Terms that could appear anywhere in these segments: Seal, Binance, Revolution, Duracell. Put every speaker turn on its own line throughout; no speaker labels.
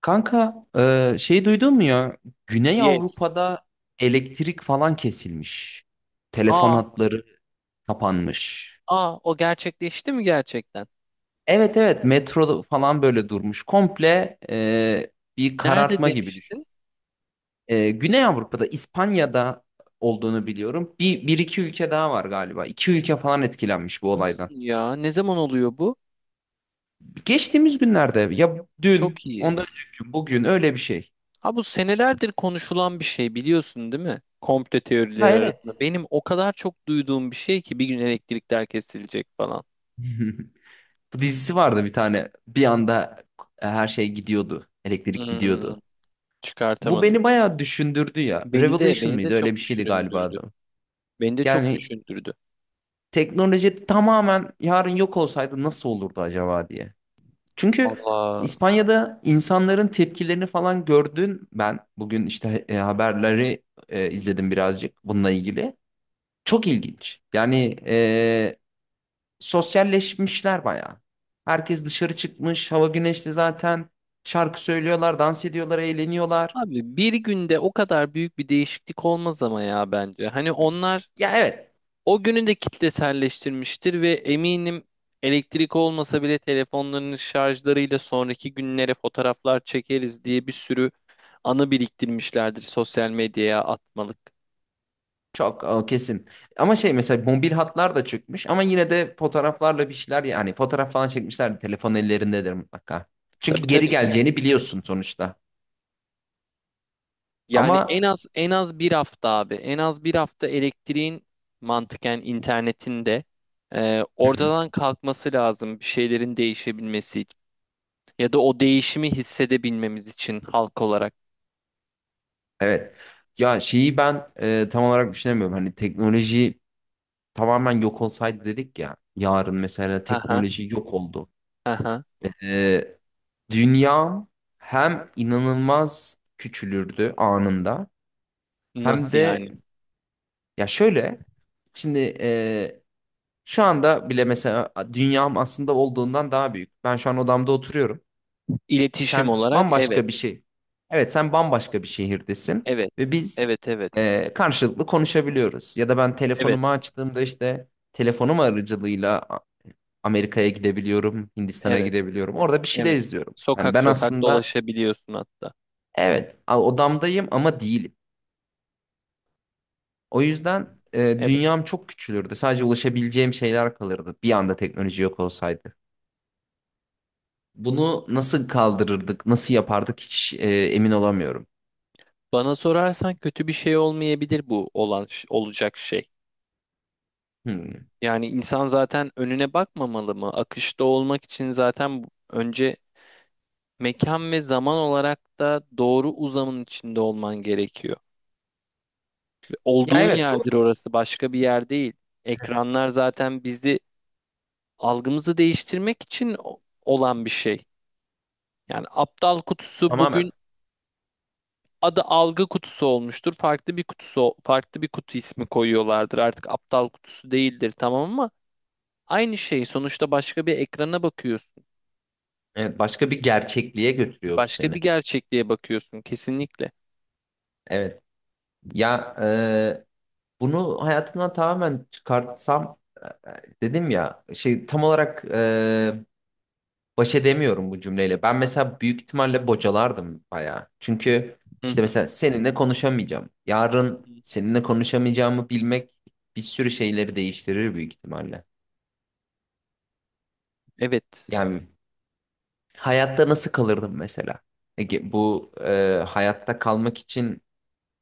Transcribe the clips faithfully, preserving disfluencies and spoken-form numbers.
Kanka, e, şey duydun mu ya? Güney
Yes.
Avrupa'da elektrik falan kesilmiş. Telefon
Aa,
hatları kapanmış.
aa o gerçekleşti mi gerçekten?
Evet, evet, metro falan böyle durmuş. Komple e, bir
Nerede
karartma gibi düşün.
demiştin?
E, Güney Avrupa'da, İspanya'da olduğunu biliyorum. Bir, bir iki ülke daha var galiba. İki ülke falan etkilenmiş bu
Nasıl
olaydan.
ya? Ne zaman oluyor bu?
Geçtiğimiz günlerde ya, dün,
Çok iyi.
ondan önceki gün, bugün öyle bir şey.
Ha, bu senelerdir konuşulan bir şey, biliyorsun değil mi? Komplo
Ya
teorileri
evet.
arasında. Benim o kadar çok duyduğum bir şey ki bir gün elektrikler kesilecek falan.
Bu dizisi vardı bir tane. Bir anda e, her şey gidiyordu. Elektrik
Hmm,
gidiyordu. Bu
çıkartamadım.
beni bayağı düşündürdü ya.
Beni de
Revolution
beni de
mıydı? Öyle
çok
bir şeydi galiba
düşündürdü.
adı.
Beni de çok
Yani
düşündürdü.
teknoloji tamamen yarın yok olsaydı nasıl olurdu acaba diye. Çünkü
Allah.
İspanya'da insanların tepkilerini falan gördün ben. Bugün işte e, haberleri e, izledim birazcık bununla ilgili. Çok ilginç. Yani e, sosyalleşmişler bayağı. Herkes dışarı çıkmış, hava güneşli zaten. Şarkı söylüyorlar, dans ediyorlar, eğleniyorlar.
Abi bir günde o kadar büyük bir değişiklik olmaz ama ya bence. Hani onlar
Ya evet,
O günü de kitleselleştirmiştir ve eminim elektrik olmasa bile telefonlarının şarjlarıyla sonraki günlere fotoğraflar çekeriz diye bir sürü anı biriktirmişlerdir sosyal medyaya atmalık.
çok o kesin. Ama şey, mesela mobil hatlar da çıkmış ama yine de fotoğraflarla bir şeyler, yani fotoğraf falan çekmişler, telefon ellerindedir mutlaka. Çünkü
Tabii
geri
tabii,
geleceğini
kesinlikle.
biliyorsun sonuçta.
Yani en
Ama
az en az bir hafta abi. En az bir hafta elektriğin mantıken internetinde e,
hı hı,
oradan kalkması lazım bir şeylerin değişebilmesi için. Ya da o değişimi hissedebilmemiz için halk olarak.
evet. Ya şeyi ben e, tam olarak düşünemiyorum. Hani teknoloji tamamen yok olsaydı dedik ya. Yarın mesela
Aha,
teknoloji yok oldu.
aha.
E, Dünyam hem inanılmaz küçülürdü anında hem
Nasıl
de,
yani?
ya şöyle, şimdi e, şu anda bile mesela dünyam aslında olduğundan daha büyük. Ben şu an odamda oturuyorum.
İletişim
Sen
olarak evet,
bambaşka bir şey. Evet, sen bambaşka bir şehirdesin
evet,
ve biz
evet, evet,
e, karşılıklı konuşabiliyoruz. Ya da ben
evet,
telefonumu açtığımda işte telefonum aracılığıyla A- Amerika'ya gidebiliyorum, Hindistan'a
evet,
gidebiliyorum. Orada bir şeyler
evet.
izliyorum. Yani
Sokak
ben
sokak
aslında
dolaşabiliyorsun hatta.
evet, a- odamdayım ama değilim. O yüzden e,
Evet.
dünyam çok küçülürdü. Sadece ulaşabileceğim şeyler kalırdı bir anda teknoloji yok olsaydı. Bunu nasıl kaldırırdık, nasıl yapardık hiç e, emin olamıyorum.
Bana sorarsan kötü bir şey olmayabilir bu olan ş- olacak şey.
Hmm.
Yani insan zaten önüne bakmamalı mı? Akışta olmak için zaten bu- önce mekan ve zaman olarak da doğru uzamın içinde olman gerekiyor.
Ya
Olduğun
evet,
yerdir
doğru.
orası, başka bir yer değil. Ekranlar zaten bizi algımızı değiştirmek için o- olan bir şey. Yani aptal kutusu bugün
Tamamen.
adı algı kutusu olmuştur. Farklı bir kutusu, farklı bir kutu ismi koyuyorlardır. Artık aptal kutusu değildir, tamam, ama aynı şey. Sonuçta başka bir ekrana bakıyorsun.
Evet, başka bir gerçekliğe götürüyor bu
Başka bir
seni.
gerçekliğe bakıyorsun kesinlikle.
Evet. Ya e, bunu hayatımdan tamamen çıkartsam, e, e, dedim ya, şey tam olarak, e, baş edemiyorum bu cümleyle. Ben mesela büyük ihtimalle bocalardım bayağı. Çünkü işte
Hı
mesela seninle konuşamayacağım. Yarın
hı.
seninle konuşamayacağımı bilmek bir sürü şeyleri değiştirir büyük ihtimalle.
Evet.
Yani hayatta nasıl kalırdım mesela? Ege, bu e, hayatta kalmak için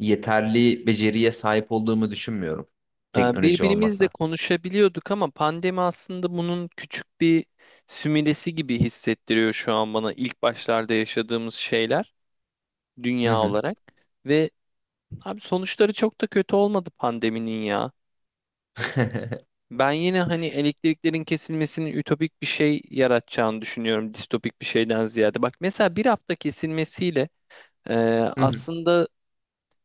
yeterli beceriye sahip olduğumu düşünmüyorum.
Ee,
Teknoloji
Birbirimizle
olmasa.
konuşabiliyorduk ama pandemi aslında bunun küçük bir sümülesi gibi hissettiriyor şu an bana, ilk başlarda yaşadığımız şeyler
Hı
dünya
hı.
olarak. Ve abi sonuçları çok da kötü olmadı pandeminin ya. Ben yine hani elektriklerin kesilmesinin ütopik bir şey yaratacağını düşünüyorum, distopik bir şeyden ziyade. Bak mesela bir hafta kesilmesiyle e,
Hı hı.
aslında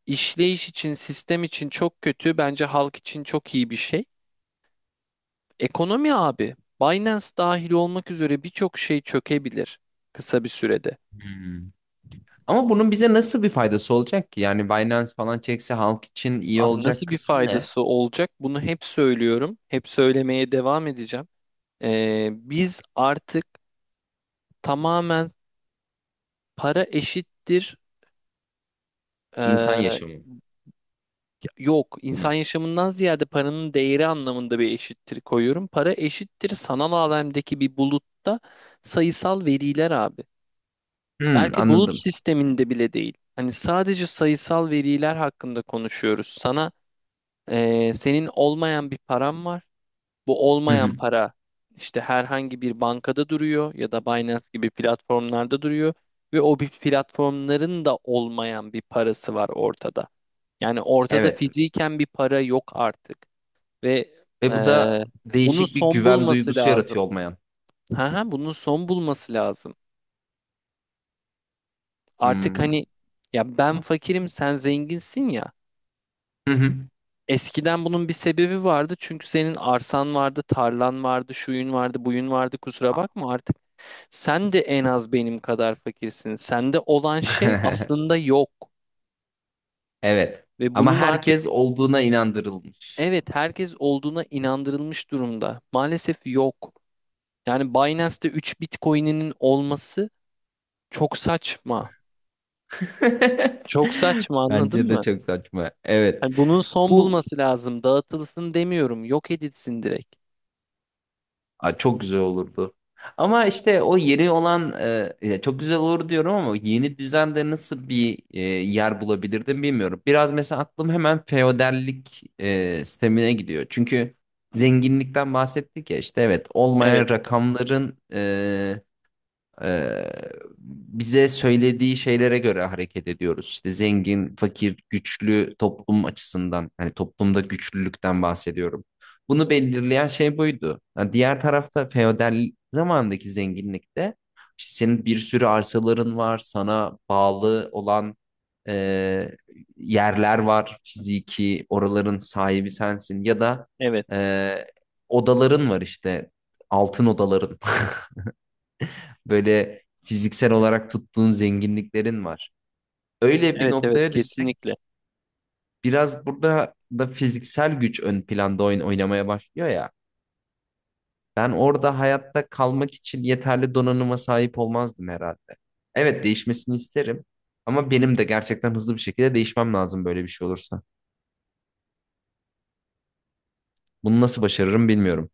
işleyiş için, sistem için çok kötü, bence halk için çok iyi bir şey. Ekonomi abi, Binance dahil olmak üzere birçok şey çökebilir kısa bir sürede.
Hmm. Ama bunun bize nasıl bir faydası olacak ki? Yani Binance falan çekse halk için iyi
Abi
olacak
nasıl bir
kısmı ne?
faydası olacak? Bunu hep söylüyorum, hep söylemeye devam edeceğim. Ee, biz artık tamamen para eşittir.
İnsan
ee,
yaşamı
yok, insan
mı?
yaşamından ziyade paranın değeri anlamında bir eşittir koyuyorum. Para eşittir sanal alemdeki bir bulutta sayısal veriler abi.
Hmm,
Belki bulut
anladım.
sisteminde bile değil. Hani sadece sayısal veriler hakkında konuşuyoruz. Sana eee, senin olmayan bir param var. Bu
Hı
olmayan
hı.
para işte herhangi bir bankada duruyor ya da Binance gibi platformlarda duruyor ve o bir platformların da olmayan bir parası var ortada. Yani ortada
Evet.
fiziken bir para yok artık ve
Ve bu
eee,
da
bunun
değişik bir
son
güven
bulması
duygusu
lazım.
yaratıyor, olmayan.
Ha ha, bunun son bulması lazım. Artık
Hmm.
hani ya ben fakirim sen zenginsin ya.
Hı hı.
Eskiden bunun bir sebebi vardı çünkü senin arsan vardı, tarlan vardı, şuyun vardı, buyun vardı. Kusura bakma artık. Sen de en az benim kadar fakirsin. Sende olan şey aslında yok.
Evet.
Ve
Ama
bunun artık
herkes olduğuna inandırılmış.
evet, herkes olduğuna inandırılmış durumda. Maalesef yok. Yani Binance'te üç Bitcoin'inin olması çok saçma. Çok saçma, anladın
Bence de
mı?
çok saçma. Evet.
Hani bunun son
Bu,
bulması lazım. Dağıtılsın demiyorum. Yok edilsin direkt.
aa, çok güzel olurdu. Ama işte o yeni olan e, ya çok güzel olur diyorum ama yeni düzende nasıl bir e, yer bulabilirdim bilmiyorum. Biraz mesela aklım hemen feodallik e, sistemine gidiyor. Çünkü zenginlikten bahsettik ya, işte evet,
Evet,
olmayan rakamların e, ee, bize söylediği şeylere göre hareket ediyoruz. İşte zengin, fakir, güçlü toplum açısından, hani toplumda güçlülükten bahsediyorum. Bunu belirleyen şey buydu. Ha, diğer tarafta feodal zamandaki zenginlikte işte senin bir sürü arsaların var, sana bağlı olan e, yerler var, fiziki, oraların sahibi sensin ya da
evet.
e, odaların var işte, altın odaların. Böyle fiziksel olarak tuttuğun zenginliklerin var. Öyle bir
Evet, evet,
noktaya düşsek
kesinlikle.
biraz burada da fiziksel güç ön planda oyun oynamaya başlıyor ya. Ben orada hayatta kalmak için yeterli donanıma sahip olmazdım herhalde. Evet, değişmesini isterim ama benim de gerçekten hızlı bir şekilde değişmem lazım böyle bir şey olursa. Bunu nasıl başarırım bilmiyorum.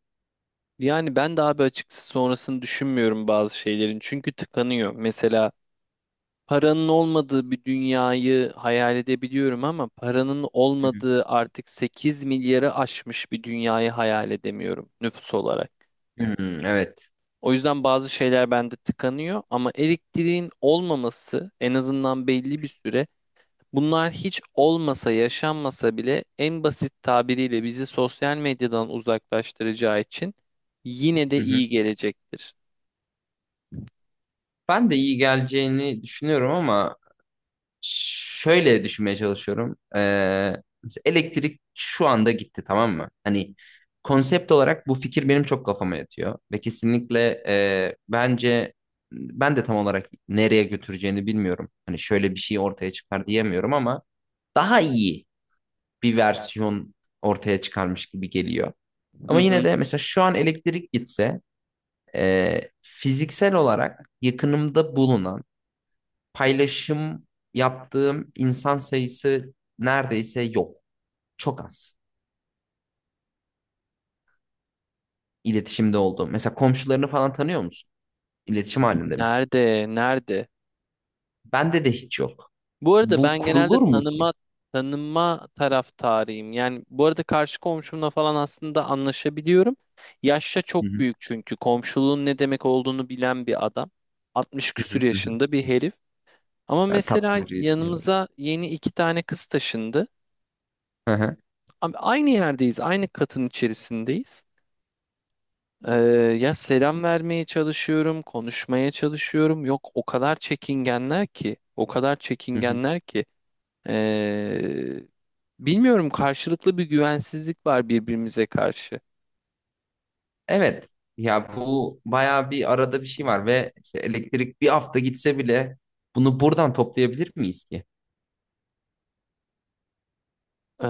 Yani ben de abi açıkçası sonrasını düşünmüyorum bazı şeylerin. Çünkü tıkanıyor. Mesela paranın olmadığı bir dünyayı hayal edebiliyorum ama paranın
Hı hı.
olmadığı artık sekiz milyarı aşmış bir dünyayı hayal edemiyorum nüfus olarak.
Hmm, evet.
O yüzden bazı şeyler bende tıkanıyor, ama elektriğin olmaması en azından belli bir süre, bunlar hiç olmasa, yaşanmasa bile, en basit tabiriyle bizi sosyal medyadan uzaklaştıracağı için yine de
Hı hı.
iyi gelecektir.
Ben de iyi geleceğini düşünüyorum ama şöyle düşünmeye çalışıyorum. Ee, mesela elektrik şu anda gitti, tamam mı? Hani konsept olarak bu fikir benim çok kafama yatıyor. Ve kesinlikle e, bence ben de tam olarak nereye götüreceğini bilmiyorum. Hani şöyle bir şey ortaya çıkar diyemiyorum ama daha iyi bir versiyon ortaya çıkarmış gibi geliyor.
Hı
Ama
hı.
yine de mesela şu an elektrik gitse e, fiziksel olarak yakınımda bulunan paylaşım yaptığım insan sayısı neredeyse yok. Çok az iletişimde olduğum. Mesela komşularını falan tanıyor musun? İletişim halinde misin?
Nerede? Nerede?
Bende de hiç yok.
Bu arada
Bu
ben genelde
kurulur mu ki?
tanıma tanınma taraftarıyım. Yani bu arada karşı komşumla falan aslında anlaşabiliyorum. Yaşça
Hı
çok
hı,
büyük çünkü komşuluğun ne demek olduğunu bilen bir adam. altmış
hı
küsür
hı, hı hı.
yaşında bir herif. Ama
Ben
mesela
tatlı bir yer-
yanımıza yeni iki tane kız taşındı.
hı hı,
Abi aynı yerdeyiz, aynı katın içerisindeyiz. Ee, ya selam vermeye çalışıyorum, konuşmaya çalışıyorum. Yok, o kadar çekingenler ki, o kadar
hı hı.
çekingenler ki. Ee, bilmiyorum, karşılıklı bir güvensizlik var birbirimize karşı.
Evet. Ya bu bayağı bir arada bir şey var ve işte elektrik bir hafta gitse bile bunu buradan toplayabilir miyiz ki?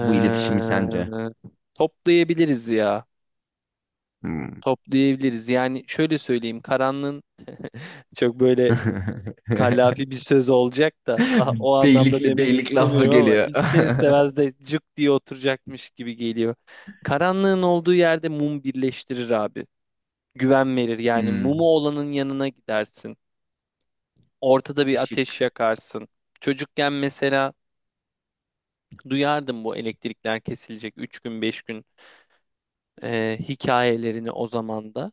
Bu iletişimi sence?
toplayabiliriz ya,
Hmm.
toplayabiliriz. Yani şöyle söyleyeyim, karanlığın çok böyle Kallafi bir söz olacak da ah, o anlamda
Beylikli
demek
beylik lafı
istemiyorum ama
geliyor.
ister istemez de cık diye oturacakmış gibi geliyor. Karanlığın olduğu yerde mum birleştirir abi. Güven verir, yani mumu
Hmm,
olanın yanına gidersin. Ortada bir ateş
ışık.
yakarsın. Çocukken mesela duyardım bu elektrikler kesilecek üç gün beş gün e, hikayelerini, o zaman da.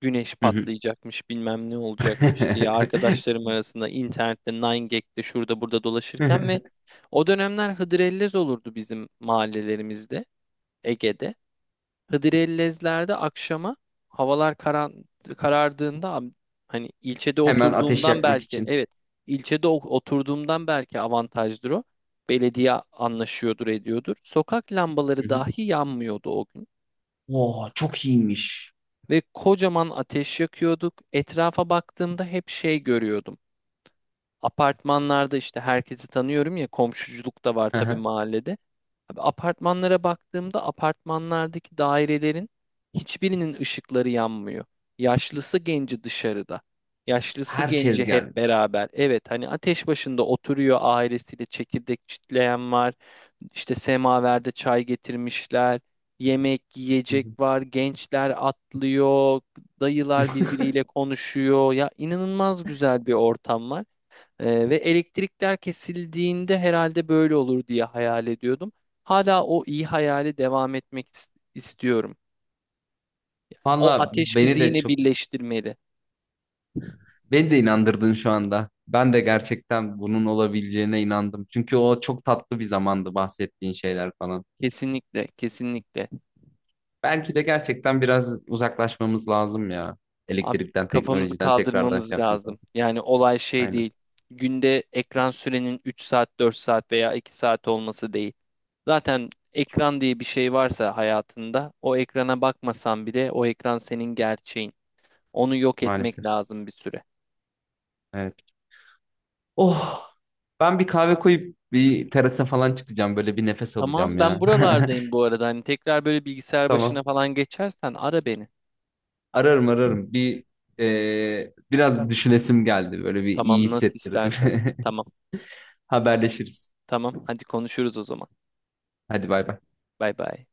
Güneş
Hı hı.
patlayacakmış bilmem ne olacakmış diye arkadaşlarım arasında internette nayn gag'de şurada burada dolaşırken ve o dönemler hıdrellez olurdu bizim mahallelerimizde, Ege'de. Hıdrellezlerde akşama havalar karan, karardığında am- hani ilçede
Hemen ateş
oturduğumdan
yakmak
belki,
için.
evet, ilçede o- oturduğumdan belki avantajdır o. Belediye anlaşıyordur, ediyordur. Sokak
Hı
lambaları
hı.
dahi yanmıyordu o gün.
Oo, çok iyiymiş.
Ve kocaman ateş yakıyorduk. Etrafa baktığımda hep şey görüyordum. Apartmanlarda işte herkesi tanıyorum ya, komşuculuk da var
Hı
tabii
hı.
mahallede. Abi apartmanlara baktığımda apartmanlardaki dairelerin hiçbirinin ışıkları yanmıyor. Yaşlısı genci dışarıda. Yaşlısı
Herkes
genci hep
gelmiş.
beraber. Evet hani ateş başında oturuyor ailesiyle, çekirdek çitleyen var. İşte semaverde çay getirmişler. Yemek,
Hı
yiyecek
hı.
var. Gençler atlıyor. Dayılar birbiriyle konuşuyor. Ya inanılmaz güzel bir ortam var. Ee, ve elektrikler kesildiğinde herhalde böyle olur diye hayal ediyordum. Hala o iyi hayali devam etmek is- istiyorum. O
Valla
ateş bizi
beni de
yine
çok,
birleştirmeli.
beni de inandırdın şu anda. Ben de gerçekten bunun olabileceğine inandım. Çünkü o çok tatlı bir zamandı bahsettiğin şeyler falan.
Kesinlikle, kesinlikle.
Belki de gerçekten biraz uzaklaşmamız lazım ya.
Abi
Elektrikten,
kafamızı
teknolojiden, tekrardan şey
kaldırmamız
yapmamızdan.
lazım. Yani olay şey
Aynen.
değil. Günde ekran sürenin üç saat, dört saat veya iki saat olması değil. Zaten ekran diye bir şey varsa hayatında, o ekrana bakmasan bile o ekran senin gerçeğin. Onu yok etmek
Maalesef.
lazım bir süre.
Evet. Oh, ben bir kahve koyup bir terasa falan çıkacağım. Böyle bir nefes
Tamam,
alacağım
ben
ya.
buralardayım bu arada. Hani tekrar böyle bilgisayar başına
Tamam.
falan geçersen ara beni.
Ararım, ararım. Bir, e, biraz düşünesim geldi. Böyle bir iyi
Tamam, nasıl
hissettirdi.
istersen. Tamam.
Haberleşiriz.
Tamam, hadi konuşuruz o zaman.
Hadi bay bay.
Bay bay.